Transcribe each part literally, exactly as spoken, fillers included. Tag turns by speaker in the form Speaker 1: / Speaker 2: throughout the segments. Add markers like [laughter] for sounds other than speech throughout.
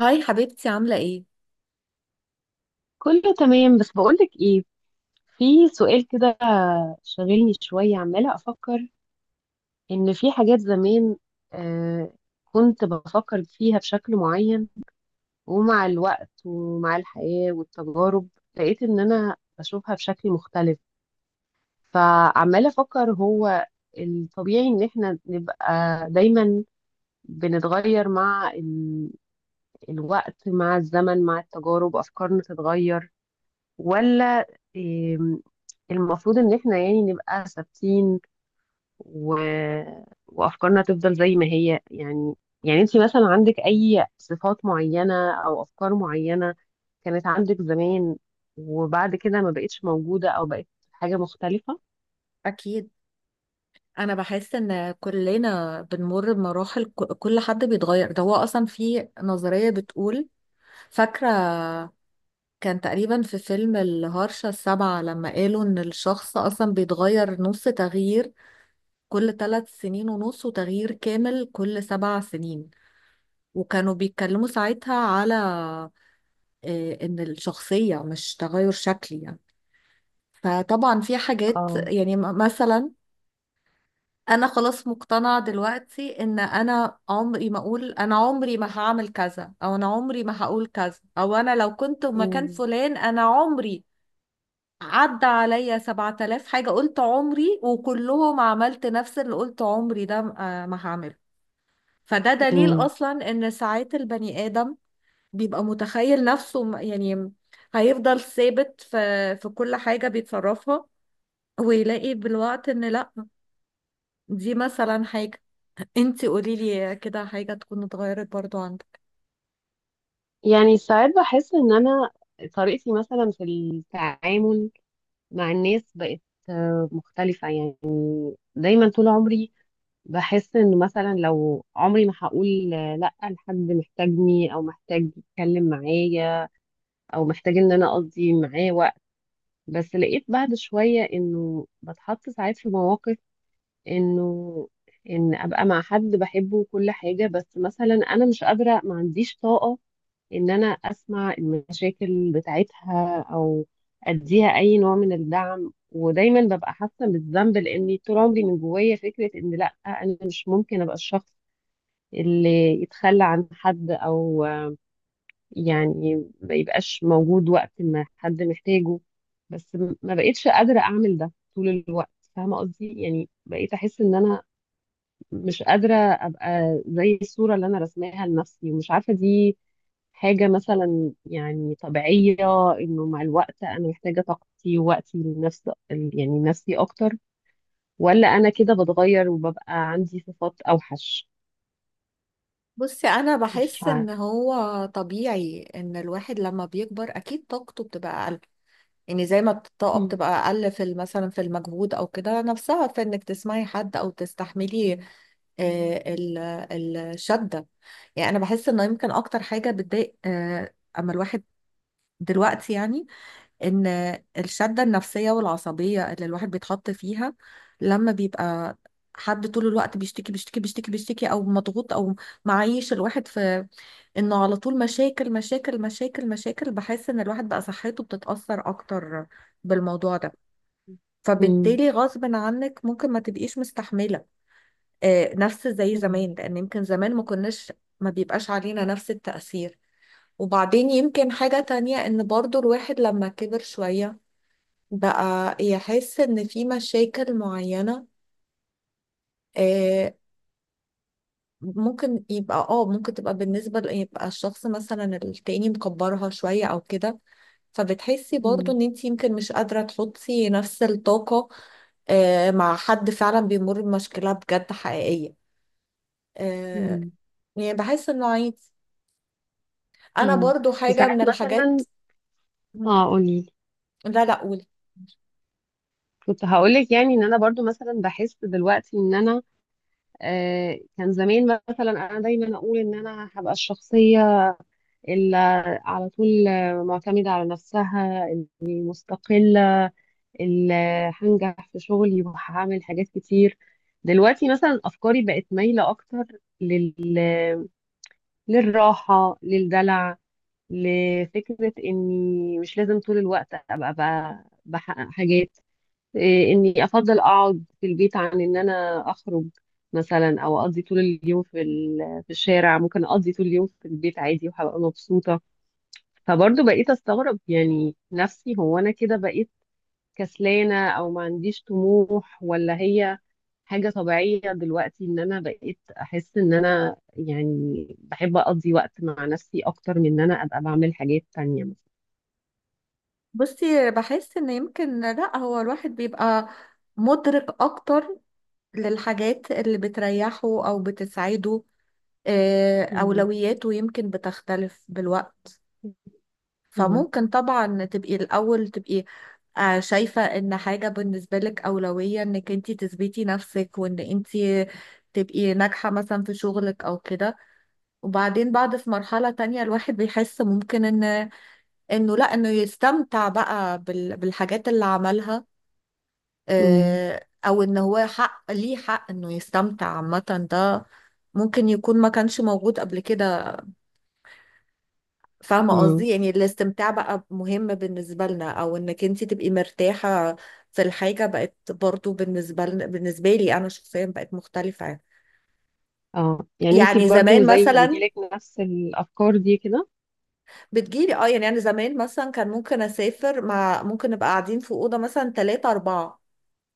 Speaker 1: هاي حبيبتي، عاملة ايه؟
Speaker 2: كله تمام. بس بقولك ايه، في سؤال كده شاغلني شوية. عمالة أفكر إن في حاجات زمان آه كنت بفكر فيها بشكل معين، ومع الوقت ومع الحياة والتجارب لقيت إن أنا بشوفها بشكل مختلف. فعمالة أفكر، هو الطبيعي إن إحنا نبقى دايما بنتغير مع ال- الوقت، مع الزمن، مع التجارب، أفكارنا تتغير؟ ولا إم، المفروض ان احنا يعني نبقى ثابتين و... وافكارنا تفضل زي ما هي؟ يعني، يعني انت مثلا عندك اي صفات معينة او افكار معينة كانت عندك زمان وبعد كده ما بقتش موجودة او بقت حاجة مختلفة؟
Speaker 1: أكيد، أنا بحس إن كلنا بنمر بمراحل، ك- كل حد بيتغير. ده هو أصلا في نظرية بتقول، فاكرة، كان تقريبا في فيلم الهرشة السابعة لما قالوا إن الشخص أصلا بيتغير نص تغيير كل ثلاث سنين ونص، وتغيير كامل كل سبع سنين. وكانوا بيتكلموا ساعتها على آه، إن الشخصية مش تغير شكلي يعني. فطبعا في حاجات
Speaker 2: اه.
Speaker 1: يعني م- مثلا، انا خلاص مقتنعة دلوقتي ان انا عمري ما اقول انا عمري ما هعمل كذا، او انا عمري ما هقول كذا، او انا لو كنت مكان
Speaker 2: مم.
Speaker 1: فلان. انا عمري عدى عليا سبعة آلاف حاجة قلت عمري، وكلهم عملت نفس اللي قلت عمري ده آه، ما هعمله. فده دليل
Speaker 2: مم.
Speaker 1: اصلا ان ساعات البني ادم بيبقى متخيل نفسه م- يعني هيفضل ثابت في في كل حاجة بيتصرفها، ويلاقي بالوقت ان لا. دي مثلا حاجة، انتي قوليلي كده حاجة تكون اتغيرت برضو عندك.
Speaker 2: يعني ساعات بحس ان انا طريقتي مثلا في التعامل مع الناس بقت آه، مختلفة يعني. دايما طول عمري بحس انه مثلا لو عمري ما هقول لا لحد محتاجني او محتاج يتكلم معايا او محتاج ان انا اقضي معاه وقت. بس لقيت بعد شوية انه بتحط ساعات في مواقف، انه ان ابقى مع حد بحبه وكل حاجة، بس مثلا انا مش قادرة، ما عنديش طاقة ان انا اسمع المشاكل بتاعتها او اديها اي نوع من الدعم. ودايما ببقى حاسة بالذنب لاني طول عمري من جوايا فكرة ان لا، انا مش ممكن ابقى الشخص اللي يتخلى عن حد او يعني ما يبقاش موجود وقت ما حد محتاجه. بس م- ما بقيتش قادرة اعمل ده طول الوقت. فاهمة قصدي؟ يعني بقيت احس ان انا مش قادرة ابقى زي الصورة اللي انا رسماها لنفسي، ومش عارفة دي حاجة مثلا يعني طبيعية انه مع الوقت انا محتاجة طاقتي ووقتي لنفسي، يعني نفسي اكتر، ولا انا كده بتغير وببقى عندي صفات اوحش.
Speaker 1: بصي، انا
Speaker 2: مش
Speaker 1: بحس
Speaker 2: عارفة.
Speaker 1: ان هو طبيعي ان الواحد لما بيكبر اكيد طاقته بتبقى اقل. يعني زي ما الطاقه بتبقى اقل في ال- مثلا في المجهود او كده، نفسها في انك تسمعي حد او تستحملي آه، ال- الشده. يعني انا بحس انه يمكن اكتر حاجه بتضايق آه، اما الواحد دلوقتي يعني، ان الشدة النفسية والعصبية اللي الواحد بيتحط فيها لما بيبقى حد طول الوقت بيشتكي بيشتكي بيشتكي بيشتكي، او مضغوط، او معيش الواحد في انه على طول مشاكل مشاكل مشاكل مشاكل. بحس ان الواحد بقى صحته بتتأثر اكتر بالموضوع ده.
Speaker 2: مم.
Speaker 1: فبالتالي غصب عنك ممكن ما تبقيش مستحملة آه، نفس زي
Speaker 2: مم.
Speaker 1: زمان، لان يمكن زمان ما كناش ما بيبقاش علينا نفس التأثير. وبعدين يمكن حاجة تانية، ان برضو الواحد لما كبر شوية بقى يحس ان في مشاكل معينة آه، ممكن يبقى اه ممكن تبقى بالنسبة ل- يبقى الشخص مثلا التاني مكبرها شوية او كده. فبتحسي برضو
Speaker 2: مم.
Speaker 1: ان انت يمكن مش قادرة تحطي نفس الطاقة آه، مع حد فعلا بيمر بمشكلة بجد حقيقية، آه،
Speaker 2: مم.
Speaker 1: يعني بحس انه عادي. انا
Speaker 2: اه.
Speaker 1: برضو حاجة
Speaker 2: وساعات
Speaker 1: من الحاجات.
Speaker 2: مثلا.
Speaker 1: مم.
Speaker 2: اه، قولي.
Speaker 1: لا، لا قولي.
Speaker 2: كنت هقولك يعني ان انا برضو مثلا بحس دلوقتي ان انا آه كان زمان مثلا انا دايما اقول ان انا هبقى الشخصيه اللي على طول آه، معتمده على نفسها، اللي مستقله، اللي هنجح في شغلي وهعمل حاجات كتير. دلوقتي مثلا افكاري بقت مايله اكتر لل... للراحه، للدلع، لفكرة إني مش لازم طول الوقت أبقى بقى بحقق حاجات. إيه، إني أفضل أقعد في البيت عن إن أنا أخرج مثلا، أو أقضي طول اليوم في ال- في الشارع. ممكن أقضي طول اليوم في البيت عادي وهبقى مبسوطة. فبرضه بقيت أستغرب يعني، نفسي هو أنا كده بقيت كسلانة أو ما عنديش طموح، ولا هي حاجة طبيعية دلوقتي إن أنا بقيت أحس إن أنا يعني بحب أقضي وقت مع نفسي أكتر من إن أنا أبقى بعمل حاجات تانية.
Speaker 1: بصي، بحس ان يمكن لا، هو الواحد بيبقى مدرك اكتر للحاجات اللي بتريحه أو بتسعده. آه،
Speaker 2: مم.
Speaker 1: أولوياته يمكن بتختلف بالوقت.
Speaker 2: مم.
Speaker 1: فممكن طبعا تبقي الأول تبقي آه، شايفة إن حاجة بالنسبة لك أولوية، إنك انتي تثبتي نفسك وإن انتي تبقي ناجحة مثلا في شغلك أو كده. وبعدين بعد في مرحلة تانية الواحد بيحس ممكن إن، إنه لأ، إنه يستمتع بقى بال- بالحاجات اللي عملها،
Speaker 2: مم.
Speaker 1: آه، او ان هو حق ليه، حق انه يستمتع عامة. ده ممكن يكون ما كانش موجود قبل كده. فاهمة
Speaker 2: مم.
Speaker 1: قصدي يعني الاستمتاع بقى مهم بالنسبة لنا، او انك انت تبقي مرتاحة في الحاجة. بقت برضو بالنسبة لنا بالنسبة لي انا شخصيا بقت مختلفة يعني.
Speaker 2: اه، يعني انتي
Speaker 1: يعني
Speaker 2: برضو
Speaker 1: زمان
Speaker 2: زي
Speaker 1: مثلا
Speaker 2: بيجيلك نفس الافكار دي كده؟
Speaker 1: بتجيلي اه، يعني انا زمان مثلا كان ممكن اسافر مع ممكن نبقى قاعدين في اوضة مثلا ثلاثة اربعة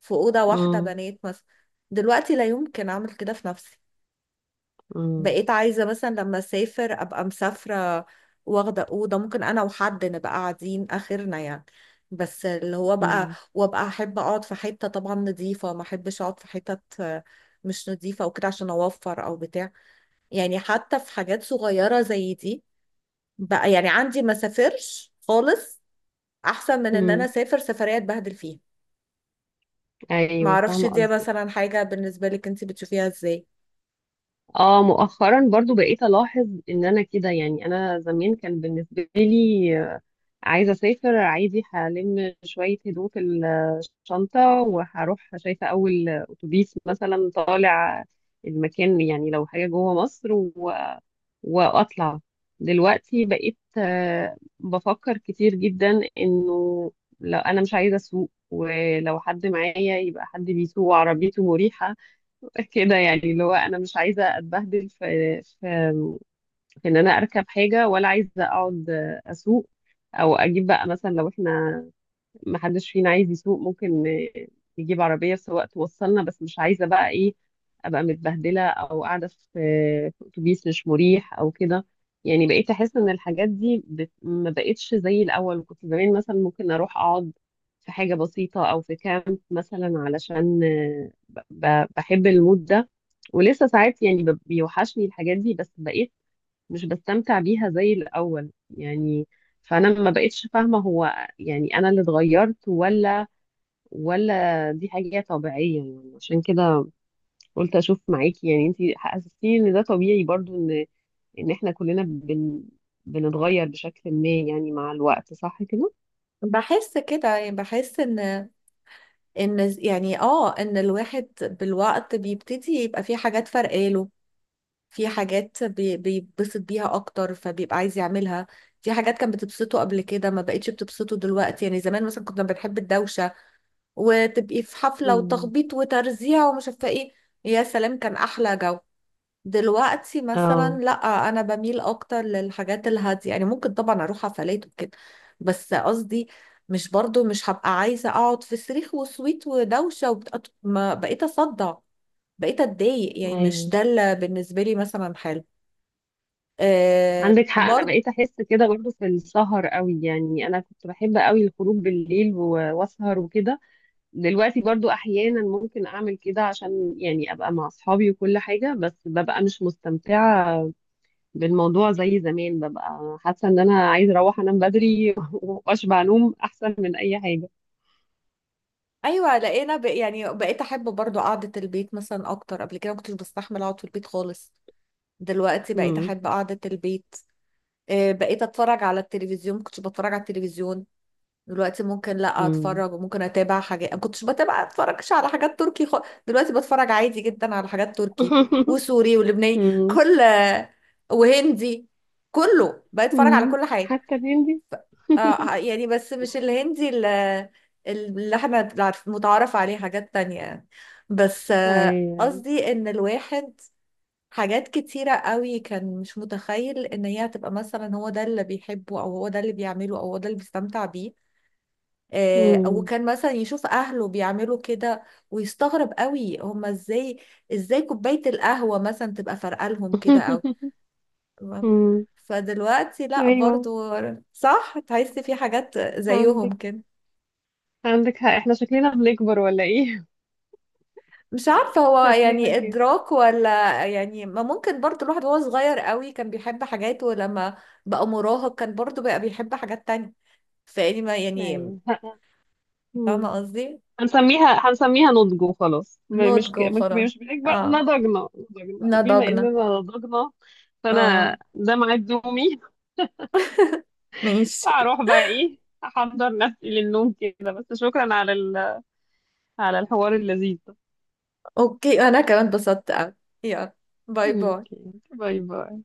Speaker 1: في اوضة واحدة
Speaker 2: مم.
Speaker 1: بنات مثلا. دلوقتي لا يمكن اعمل كده في نفسي.
Speaker 2: مم.
Speaker 1: بقيت عايزة مثلا لما أسافر أبقى مسافرة، واخدة أوضة ممكن أنا وحد نبقى قاعدين آخرنا يعني. بس اللي هو بقى،
Speaker 2: مم.
Speaker 1: وأبقى أحب أقعد في حتة طبعا نظيفة، ما أحبش أقعد في حتت آه، مش نظيفة وكده عشان أوفر أو بتاع. يعني حتى في حاجات صغيرة زي دي، بقى يعني عندي ما سافرش خالص أحسن من إن أنا
Speaker 2: مم.
Speaker 1: أسافر سفرية أتبهدل فيها.
Speaker 2: ايوه،
Speaker 1: معرفش،
Speaker 2: فاهمه
Speaker 1: دي
Speaker 2: قصدك.
Speaker 1: مثلا حاجة بالنسبة لك أنت بتشوفيها إزاي؟
Speaker 2: اه، مؤخرا برضو بقيت الاحظ ان انا كده. يعني انا زمان كان بالنسبه لي آه، عايزه اسافر، عايزي هلم شويه هدوم في الشنطه وهروح شايفه اول اتوبيس مثلا طالع المكان، يعني لو حاجه جوه مصر واطلع. دلوقتي بقيت آه، بفكر كتير جدا انه لو انا مش عايزه اسوق، ولو حد معايا يبقى حد بيسوق وعربيته مريحه. [laughs] كده يعني، اللي هو انا مش عايزه اتبهدل في في في ان انا اركب حاجه، ولا عايزه اقعد آه، اسوق. او اجيب بقى مثلا لو احنا ما حدش فينا عايز يسوق، ممكن ن- نجيب عربية سواق توصلنا. بس مش عايزة بقى ايه، ابقى متبهدلة او قاعدة في في اتوبيس مش مريح او كده. يعني بقيت احس ان الحاجات دي بت... ما بقتش زي الاول. كنت زمان مثلا ممكن اروح اقعد في حاجة بسيطة او في كامب مثلا علشان آه، ب... ب- بحب المود ده. ولسه ساعات يعني ب- بيوحشني الحاجات دي، بس بقيت مش بستمتع بيها زي الأول يعني. فأنا ما بقتش فاهمة، هو يعني أنا اللي اتغيرت، ولا ولا دي حاجة طبيعية؟ يعني عشان كده قلت أشوف معاكي. يعني أنتي حسستيني إن ده طبيعي برضو، إن إن إحنا كلنا بن بنتغير بشكل ما يعني مع الوقت، صح كده؟
Speaker 1: بحس كده يعني، بحس إن، ان يعني اه ان الواحد بالوقت بيبتدي يبقى في حاجات فرقاله، في حاجات بي- بيتبسط بيها اكتر فبيبقى عايز يعملها. في حاجات كانت بتبسطه قبل كده ما بقتش بتبسطه دلوقتي. يعني زمان مثلا كنا بنحب الدوشة، وتبقي في حفلة
Speaker 2: مم.
Speaker 1: وتخبيط وترزيع ومش عارفة ايه، يا سلام كان احلى جو. دلوقتي مثلا
Speaker 2: اه.
Speaker 1: لا، انا بميل اكتر للحاجات الهاديه. يعني ممكن طبعا اروح حفلات وكده، بس قصدي مش برضو مش هبقى عايزه اقعد في صريخ وسويت ودوشه وبت... ما بقيت اصدع، بقيت اتضايق. يعني مش
Speaker 2: أيوه،
Speaker 1: ده اللي بالنسبه لي مثلا حلو. آه
Speaker 2: عندك حق. أنا
Speaker 1: برضو.
Speaker 2: بقيت أحس كده برضو في السهر قوي. يعني أنا كنت بحب قوي الخروج بالليل و- وأسهر وكده. دلوقتي برضو احيانا ممكن اعمل كده عشان يعني ابقى مع اصحابي وكل حاجة، بس ببقى مش مستمتعة بالموضوع زي زمان، ببقى حاسة ان انا عايزة اروح انام بدري. [laughs] واشبع نوم احسن من اي حاجة.
Speaker 1: ايوه لقينا ب... يعني بقيت احب برضو قعده البيت مثلا اكتر. قبل كده ما كنتش بستحمل اقعد في البيت خالص، دلوقتي بقيت
Speaker 2: مم.
Speaker 1: احب قعده البيت. آه بقيت اتفرج على التلفزيون، ما كنتش بتفرج على التلفزيون. دلوقتي ممكن لا
Speaker 2: مم.
Speaker 1: اتفرج، وممكن اتابع حاجات ما كنتش بتابع، اتفرجش على حاجات تركي خ... دلوقتي بتفرج عادي جدا على حاجات تركي
Speaker 2: [laughs]
Speaker 1: وسوري ولبناني
Speaker 2: مم.
Speaker 1: كل، وهندي. كله بتفرج على
Speaker 2: مم.
Speaker 1: كل حاجه.
Speaker 2: حتى بيندي.
Speaker 1: آه آه، يعني بس مش الهندي اللي, اللي احنا عارف- متعارف عليه، حاجات تانية يعني. بس آه،
Speaker 2: ايوه.
Speaker 1: قصدي ان الواحد، حاجات كتيرة قوي كان مش متخيل ان هي هتبقى مثلا هو ده اللي بيحبه او هو ده اللي بيعمله او هو ده اللي بيستمتع بيه، آه، او
Speaker 2: مم.
Speaker 1: كان مثلا يشوف اهله بيعملوا كده ويستغرب قوي هما ازاي ازاي كوباية القهوة مثلا تبقى فارقة لهم كده او.
Speaker 2: [laughs]
Speaker 1: تمام.
Speaker 2: مم.
Speaker 1: فدلوقتي لا،
Speaker 2: ايوه.
Speaker 1: برضو صح، تحسي في حاجات زيهم
Speaker 2: عندك
Speaker 1: كده.
Speaker 2: عندك حق. احنا شكلنا بنكبر ولا ايه؟
Speaker 1: مش عارفة
Speaker 2: [laughs]
Speaker 1: هو
Speaker 2: شكلنا
Speaker 1: يعني
Speaker 2: كده.
Speaker 1: إدراك ولا يعني، ما ممكن برضو الواحد وهو صغير قوي كان بيحب حاجات، ولما بقى مراهق كان برضو بقى بيحب حاجات تانية. فيعني ما يعني،
Speaker 2: ايوه.
Speaker 1: فاهمة
Speaker 2: مم.
Speaker 1: قصدي.
Speaker 2: هنسميها هنسميها نضج وخلاص. م- مش
Speaker 1: نضج
Speaker 2: ك... مش
Speaker 1: وخلاص.
Speaker 2: مش بنكبر،
Speaker 1: اه
Speaker 2: نضجنا. نضجنا. وبما اننا
Speaker 1: نضجنا.
Speaker 2: نضجنا،
Speaker 1: اه،
Speaker 2: فانا ده ميعاد نومي.
Speaker 1: ماشي.
Speaker 2: هروح بقى ايه، احضر نفسي للنوم كده. بس شكرا على ال... على الحوار اللذيذ ده.
Speaker 1: اوكي، انا كمان اتبسطت اوي. يلا، باي باي.
Speaker 2: اوكي. باي باي.